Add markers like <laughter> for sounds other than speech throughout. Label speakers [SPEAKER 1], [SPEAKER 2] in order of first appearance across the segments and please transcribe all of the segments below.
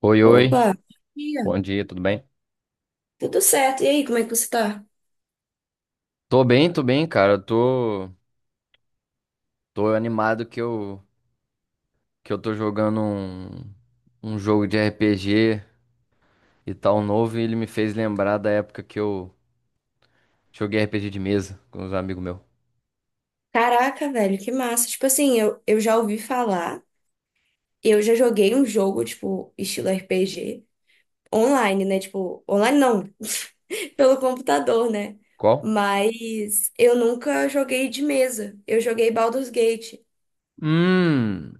[SPEAKER 1] Oi, oi.
[SPEAKER 2] Opa, ia.
[SPEAKER 1] Bom dia, tudo bem?
[SPEAKER 2] Tudo certo. E aí, como é que você tá?
[SPEAKER 1] Tô bem, tô bem, cara. Eu tô animado que eu tô jogando um jogo de RPG e tal novo e ele me fez lembrar da época que eu joguei RPG de mesa com os amigos meus.
[SPEAKER 2] Caraca, velho, que massa. Tipo assim, eu já ouvi falar, eu já joguei um jogo, tipo, estilo RPG, online, né? Tipo, online não, <laughs> pelo computador, né?
[SPEAKER 1] Qual?
[SPEAKER 2] Mas eu nunca joguei de mesa. Eu joguei Baldur's Gate.
[SPEAKER 1] Hum.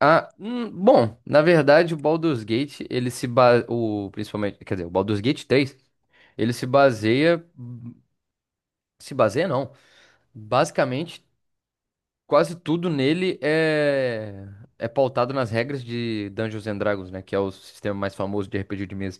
[SPEAKER 1] Ah, bom, na verdade o Baldur's Gate, ele se ba... o principalmente, quer dizer, o Baldur's Gate 3, ele se baseia se baseia não. Basicamente, quase tudo nele é pautado nas regras de Dungeons and Dragons, né? Que é o sistema mais famoso de RPG de mesa.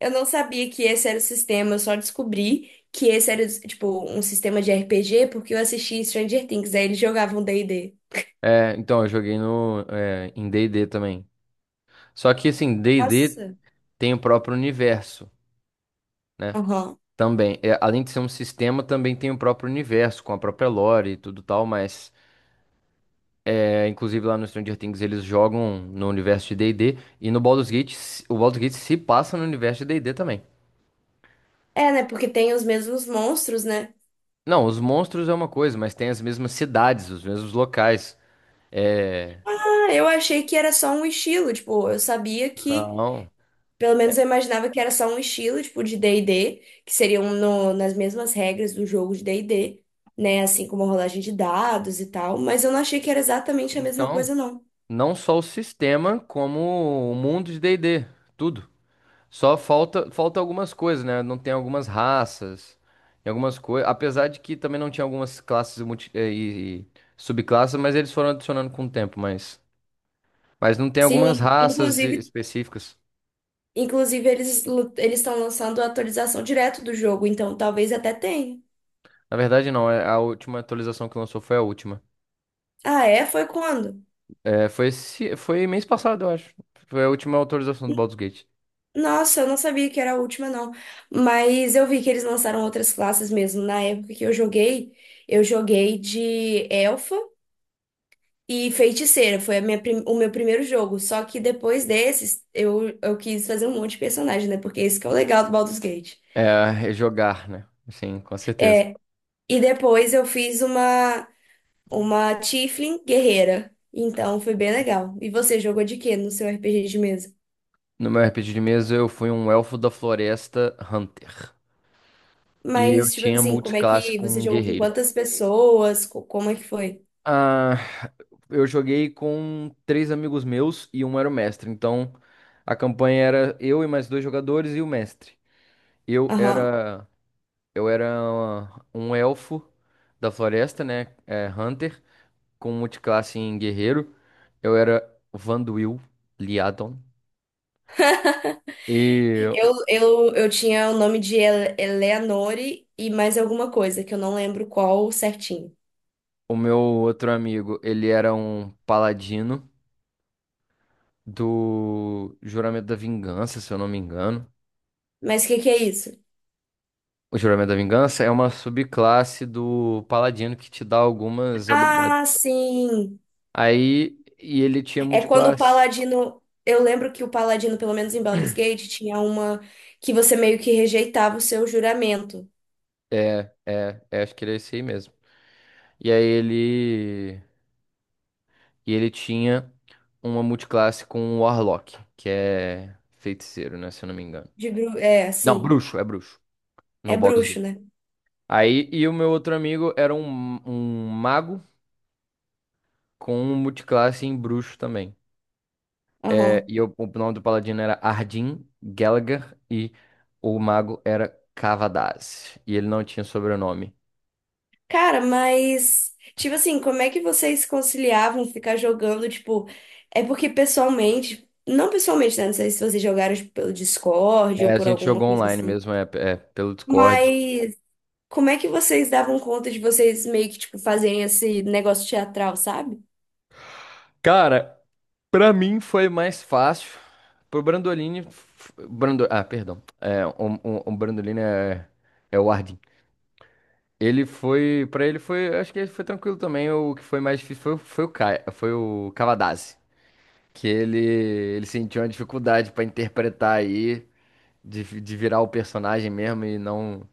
[SPEAKER 2] Eu não sabia que esse era o sistema, eu só descobri que esse era, tipo, um sistema de RPG porque eu assisti Stranger Things, aí eles jogavam d e d.
[SPEAKER 1] É, então, eu joguei no, é, em D&D também. Só que, assim, D&D
[SPEAKER 2] Nossa.
[SPEAKER 1] tem o próprio universo, né?
[SPEAKER 2] Aham.
[SPEAKER 1] Também. É, além de ser um sistema, também tem o próprio universo, com a própria lore e tudo tal, mas... É, inclusive, lá no Stranger Things, eles jogam no universo de D&D, e no Baldur's Gate, o Baldur's Gate se passa no universo de D&D também.
[SPEAKER 2] É, né? Porque tem os mesmos monstros, né?
[SPEAKER 1] Não, os monstros é uma coisa, mas tem as mesmas cidades, os mesmos locais. É,
[SPEAKER 2] Ah, eu achei que era só um estilo, tipo, eu sabia que,
[SPEAKER 1] não.
[SPEAKER 2] pelo menos eu imaginava que era só um estilo, tipo, de D&D, que seriam nas mesmas regras do jogo de D&D, né? Assim como a rolagem de dados e tal, mas eu não achei que era exatamente a mesma
[SPEAKER 1] Então,
[SPEAKER 2] coisa, não.
[SPEAKER 1] não só o sistema, como o mundo de D&D, tudo. Só falta algumas coisas, né? Não tem algumas raças e algumas coisas. Apesar de que também não tinha algumas classes e subclasses, mas eles foram adicionando com o tempo. Mas não tem algumas
[SPEAKER 2] Sim,
[SPEAKER 1] raças
[SPEAKER 2] inclusive,
[SPEAKER 1] específicas.
[SPEAKER 2] inclusive eles estão lançando a atualização direto do jogo, então talvez até tenha.
[SPEAKER 1] Na verdade, não. A última atualização que lançou foi a última.
[SPEAKER 2] Ah, é? Foi quando?
[SPEAKER 1] É, foi mês passado, eu acho. Foi a última atualização do Baldur's Gate.
[SPEAKER 2] Nossa, eu não sabia que era a última, não. Mas eu vi que eles lançaram outras classes mesmo. Na época que eu joguei de elfa e feiticeira. Foi a o meu primeiro jogo. Só que depois desses, eu quis fazer um monte de personagem, né? Porque esse que é o legal do Baldur's Gate.
[SPEAKER 1] É, é jogar, né? Sim, com certeza.
[SPEAKER 2] E depois uma Tiefling guerreira. Então foi bem legal. E você jogou de quê no seu RPG de mesa?
[SPEAKER 1] No meu RPG de mesa, eu fui um elfo da floresta Hunter. E eu
[SPEAKER 2] Mas, tipo
[SPEAKER 1] tinha
[SPEAKER 2] assim, como é
[SPEAKER 1] multiclasse
[SPEAKER 2] que
[SPEAKER 1] com
[SPEAKER 2] você
[SPEAKER 1] um
[SPEAKER 2] jogou com
[SPEAKER 1] guerreiro.
[SPEAKER 2] quantas pessoas? Como é que foi?
[SPEAKER 1] Ah, eu joguei com três amigos meus e um era o mestre. Então, a campanha era eu e mais dois jogadores e o mestre. Eu era, eu era um elfo da floresta, né? É, Hunter, com multiclasse em guerreiro. Eu era Vanduil Liadon. E
[SPEAKER 2] Eu tinha o nome de Eleanore e mais alguma coisa, que eu não lembro qual certinho.
[SPEAKER 1] o meu outro amigo, ele era um paladino do Juramento da Vingança, se eu não me engano.
[SPEAKER 2] Mas o que que é isso?
[SPEAKER 1] O Juramento da Vingança é uma subclasse do Paladino que te dá algumas habilidades.
[SPEAKER 2] Ah, sim!
[SPEAKER 1] Aí, e ele tinha
[SPEAKER 2] É quando o
[SPEAKER 1] multiclasse.
[SPEAKER 2] Paladino. Eu lembro que o Paladino, pelo menos em Baldur's Gate, tinha uma que você meio que rejeitava o seu juramento.
[SPEAKER 1] É, é, é, acho que era esse aí mesmo. E aí ele, e ele tinha uma multiclasse com o Warlock, que é feiticeiro, né, se eu não me engano.
[SPEAKER 2] De bru... É,
[SPEAKER 1] Não,
[SPEAKER 2] assim.
[SPEAKER 1] bruxo, é bruxo,
[SPEAKER 2] É
[SPEAKER 1] no Baldur's
[SPEAKER 2] bruxo,
[SPEAKER 1] Gate.
[SPEAKER 2] né?
[SPEAKER 1] Aí, e o meu outro amigo era um mago com multiclasse em bruxo também. É,
[SPEAKER 2] Aham.
[SPEAKER 1] o nome do paladino era Ardyn Gallagher e o mago era Cavadaz. E ele não tinha sobrenome.
[SPEAKER 2] Cara, mas, tipo assim, como é que vocês conciliavam ficar jogando, tipo, é porque pessoalmente, não pessoalmente, né? Não sei se vocês jogaram, tipo, pelo Discord ou
[SPEAKER 1] É, a
[SPEAKER 2] por
[SPEAKER 1] gente
[SPEAKER 2] alguma
[SPEAKER 1] jogou
[SPEAKER 2] coisa
[SPEAKER 1] online
[SPEAKER 2] assim.
[SPEAKER 1] mesmo, pelo Discord.
[SPEAKER 2] Mas como é que vocês davam conta de vocês meio que, tipo, fazerem esse negócio teatral, sabe?
[SPEAKER 1] Cara, pra mim foi mais fácil. Pro Brandolini. Ah, perdão. É, o Brandolini é o Ardyn. Ele foi. Pra ele foi. Acho que ele foi tranquilo também. O que foi mais difícil foi o Kai, foi o Cavadaz. Que ele sentiu uma dificuldade pra interpretar aí. De virar o personagem mesmo e não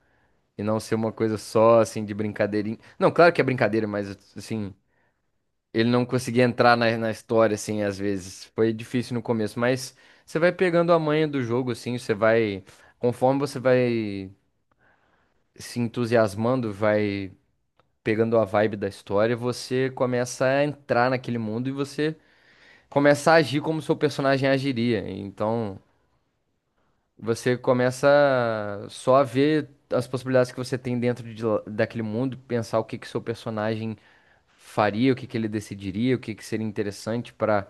[SPEAKER 1] e não ser uma coisa só assim de brincadeirinha. Não, claro que é brincadeira, mas assim, ele não conseguia entrar na história assim às vezes. Foi difícil no começo, mas você vai pegando a manha do jogo assim, você vai conforme você vai se entusiasmando, vai pegando a vibe da história, você começa a entrar naquele mundo e você começa a agir como seu personagem agiria. Então, você começa só a ver as possibilidades que você tem dentro de daquele mundo, pensar o que que seu personagem faria, o que que ele decidiria, o que que seria interessante pra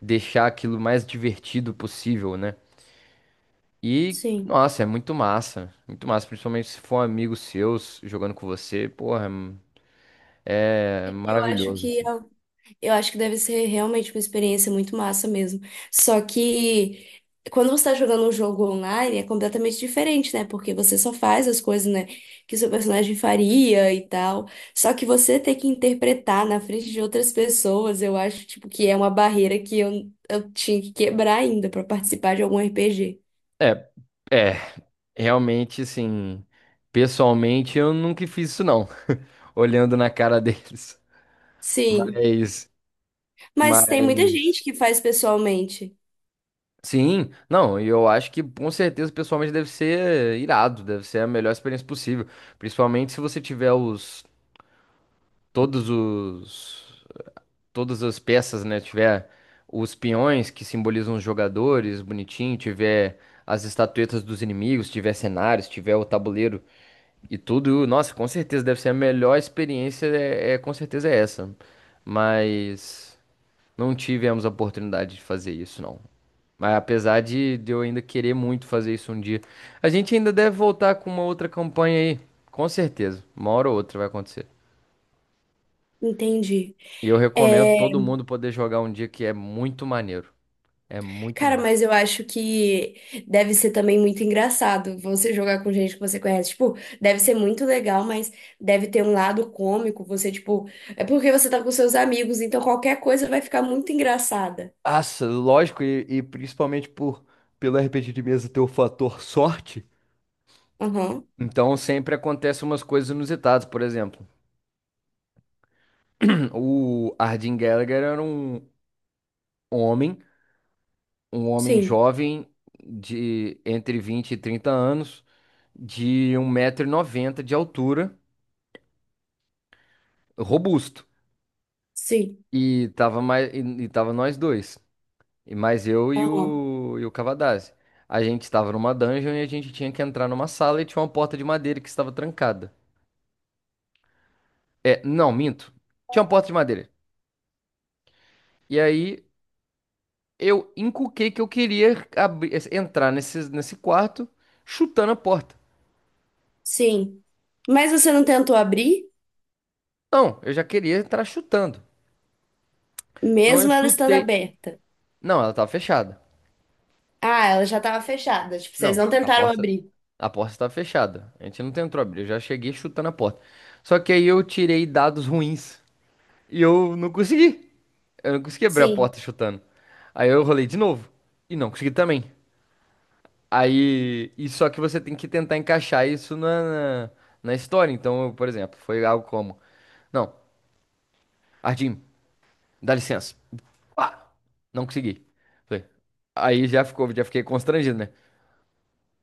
[SPEAKER 1] deixar aquilo mais divertido possível, né? E,
[SPEAKER 2] Sim.
[SPEAKER 1] nossa, é muito massa, principalmente se for um amigo seu jogando com você, porra, é
[SPEAKER 2] Eu acho
[SPEAKER 1] maravilhoso,
[SPEAKER 2] que é
[SPEAKER 1] assim.
[SPEAKER 2] Eu acho que deve ser realmente uma experiência muito massa mesmo. Só que quando você está jogando um jogo online é completamente diferente, né? Porque você só faz as coisas, né, que seu personagem faria e tal. Só que você ter que interpretar na frente de outras pessoas, eu acho, tipo, que é uma barreira que eu tinha que quebrar ainda para participar de algum RPG.
[SPEAKER 1] É, é, realmente, assim, pessoalmente eu nunca fiz isso não, <laughs> olhando na cara deles.
[SPEAKER 2] Sim.
[SPEAKER 1] Mas,
[SPEAKER 2] Mas tem muita
[SPEAKER 1] mas,
[SPEAKER 2] gente que faz pessoalmente.
[SPEAKER 1] sim, não, e eu acho que com certeza pessoalmente deve ser irado, deve ser a melhor experiência possível, principalmente se você tiver todos os, todas as peças, né, tiver os peões que simbolizam os jogadores, bonitinho, tiver as estatuetas dos inimigos, tiver cenários, tiver o tabuleiro e tudo, nossa, com certeza deve ser a melhor experiência, com certeza é essa, mas não tivemos a oportunidade de fazer isso, não. Mas apesar de eu ainda querer muito fazer isso um dia, a gente ainda deve voltar com uma outra campanha aí, com certeza. Uma hora ou outra vai acontecer.
[SPEAKER 2] Entendi.
[SPEAKER 1] E eu recomendo
[SPEAKER 2] É,
[SPEAKER 1] todo mundo poder jogar um dia que é muito maneiro. É muito
[SPEAKER 2] cara,
[SPEAKER 1] massa.
[SPEAKER 2] mas eu acho que deve ser também muito engraçado você jogar com gente que você conhece. Tipo, deve ser muito legal, mas deve ter um lado cômico. Você, tipo, é porque você tá com seus amigos, então qualquer coisa vai ficar muito engraçada.
[SPEAKER 1] Nossa, lógico, e principalmente por pelo RPG de mesa ter o fator sorte.
[SPEAKER 2] Aham,
[SPEAKER 1] Então sempre acontecem umas coisas inusitadas, por exemplo, <clears throat> o Ardyn Gallagher era homem um homem
[SPEAKER 2] sim,
[SPEAKER 1] jovem de entre 20 e 30 anos, de um 190 noventa de altura, robusto.
[SPEAKER 2] sim,
[SPEAKER 1] E tava mais, tava nós dois. E mais eu e
[SPEAKER 2] aham,
[SPEAKER 1] e o Cavadazzi. A gente estava numa dungeon e a gente tinha que entrar numa sala e tinha uma porta de madeira que estava trancada. É, não, minto. Tinha uma porta de madeira. E aí eu encuquei que eu queria abrir, entrar nesse quarto chutando a porta.
[SPEAKER 2] sim. Mas você não tentou abrir,
[SPEAKER 1] Não, eu já queria entrar chutando. Então eu
[SPEAKER 2] mesmo ela estando
[SPEAKER 1] chutei.
[SPEAKER 2] aberta.
[SPEAKER 1] Não, ela tava fechada.
[SPEAKER 2] Ah, ela já tava fechada. Tipo, vocês
[SPEAKER 1] Não,
[SPEAKER 2] não
[SPEAKER 1] a
[SPEAKER 2] tentaram
[SPEAKER 1] porta,
[SPEAKER 2] abrir.
[SPEAKER 1] a porta estava fechada. A gente não tentou abrir, eu já cheguei chutando a porta. Só que aí eu tirei dados ruins e eu não consegui. Eu não consegui abrir a
[SPEAKER 2] Sim,
[SPEAKER 1] porta chutando. Aí eu rolei de novo e não consegui também. Aí, e só que você tem que tentar encaixar isso na história. Então, eu, por exemplo, foi algo como: Não, Ardim, dá licença. Pá! Não consegui. Falei, Aí já fiquei constrangido, né?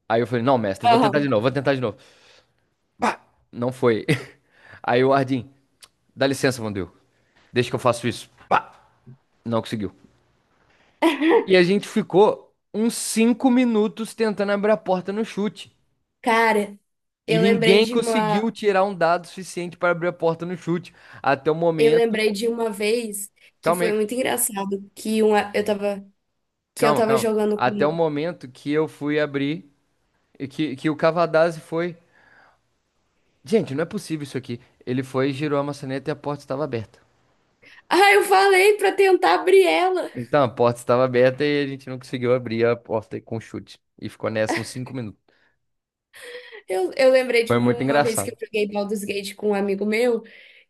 [SPEAKER 1] Aí eu falei: Não, mestre, vou tentar de
[SPEAKER 2] aham.
[SPEAKER 1] novo, vou tentar de novo. Pá! Não foi. <laughs> Aí o Ardim, dá licença, Vandeu. Deixa que eu faço isso. Pá! Não conseguiu. E a gente ficou uns 5 minutos tentando abrir a porta no chute.
[SPEAKER 2] Cara,
[SPEAKER 1] E
[SPEAKER 2] eu lembrei
[SPEAKER 1] ninguém
[SPEAKER 2] de
[SPEAKER 1] conseguiu
[SPEAKER 2] uma.
[SPEAKER 1] tirar um dado suficiente para abrir a porta no chute. Até o
[SPEAKER 2] Eu
[SPEAKER 1] momento.
[SPEAKER 2] lembrei de uma vez que
[SPEAKER 1] Calma
[SPEAKER 2] foi
[SPEAKER 1] aí,
[SPEAKER 2] muito engraçado eu tava que eu
[SPEAKER 1] calma,
[SPEAKER 2] tava
[SPEAKER 1] calma.
[SPEAKER 2] jogando
[SPEAKER 1] Até
[SPEAKER 2] com.
[SPEAKER 1] o momento que eu fui abrir, e que o Cavadazzi foi. Gente, não é possível isso aqui. Ele foi, girou a maçaneta e a porta estava aberta.
[SPEAKER 2] Ah, eu falei pra tentar abrir ela.
[SPEAKER 1] Então, a porta estava aberta e a gente não conseguiu abrir a porta com chute. E ficou nessa uns 5 minutos.
[SPEAKER 2] Eu lembrei de
[SPEAKER 1] Foi muito
[SPEAKER 2] uma vez que eu
[SPEAKER 1] engraçado.
[SPEAKER 2] joguei Baldur's Gate com um amigo meu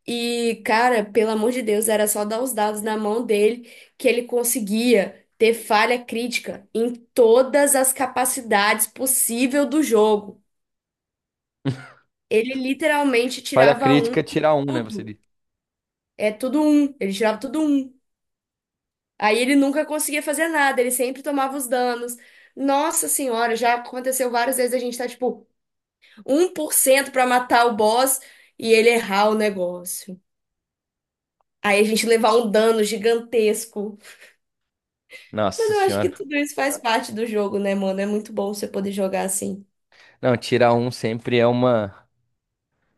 [SPEAKER 2] e, cara, pelo amor de Deus, era só dar os dados na mão dele que ele conseguia ter falha crítica em todas as capacidades possível do jogo. Ele literalmente
[SPEAKER 1] Falha
[SPEAKER 2] tirava um
[SPEAKER 1] crítica,
[SPEAKER 2] em
[SPEAKER 1] tirar um, né? Você
[SPEAKER 2] tudo.
[SPEAKER 1] disse.
[SPEAKER 2] É tudo um. Ele tirava tudo um. Aí ele nunca conseguia fazer nada, ele sempre tomava os danos. Nossa senhora, já aconteceu várias vezes a gente tá tipo 1% pra matar o boss e ele errar o negócio. Aí a gente levar um dano gigantesco. Mas
[SPEAKER 1] Nossa
[SPEAKER 2] eu acho que
[SPEAKER 1] senhora.
[SPEAKER 2] tudo isso faz parte do jogo, né, mano? É muito bom você poder jogar assim.
[SPEAKER 1] Não, tirar um sempre é uma.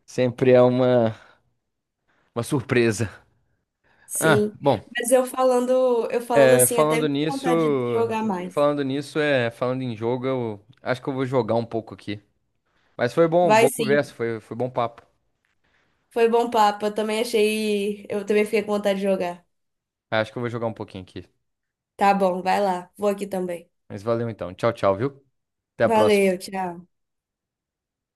[SPEAKER 1] Sempre é uma. Uma surpresa. Ah,
[SPEAKER 2] Sim.
[SPEAKER 1] bom.
[SPEAKER 2] Mas eu falando assim, até me
[SPEAKER 1] Falando
[SPEAKER 2] dá
[SPEAKER 1] nisso,
[SPEAKER 2] vontade de jogar mais.
[SPEAKER 1] Falando nisso. Falando em jogo, eu acho que eu vou jogar um pouco aqui. Mas foi bom,
[SPEAKER 2] Vai
[SPEAKER 1] boa
[SPEAKER 2] sim.
[SPEAKER 1] conversa, foi bom papo.
[SPEAKER 2] Foi bom papo. Eu também achei, eu também fiquei com vontade de jogar.
[SPEAKER 1] Acho que eu vou jogar um pouquinho aqui.
[SPEAKER 2] Tá bom, vai lá. Vou aqui também.
[SPEAKER 1] Mas valeu então. Tchau, tchau, viu? Até a
[SPEAKER 2] Valeu,
[SPEAKER 1] próxima.
[SPEAKER 2] tchau.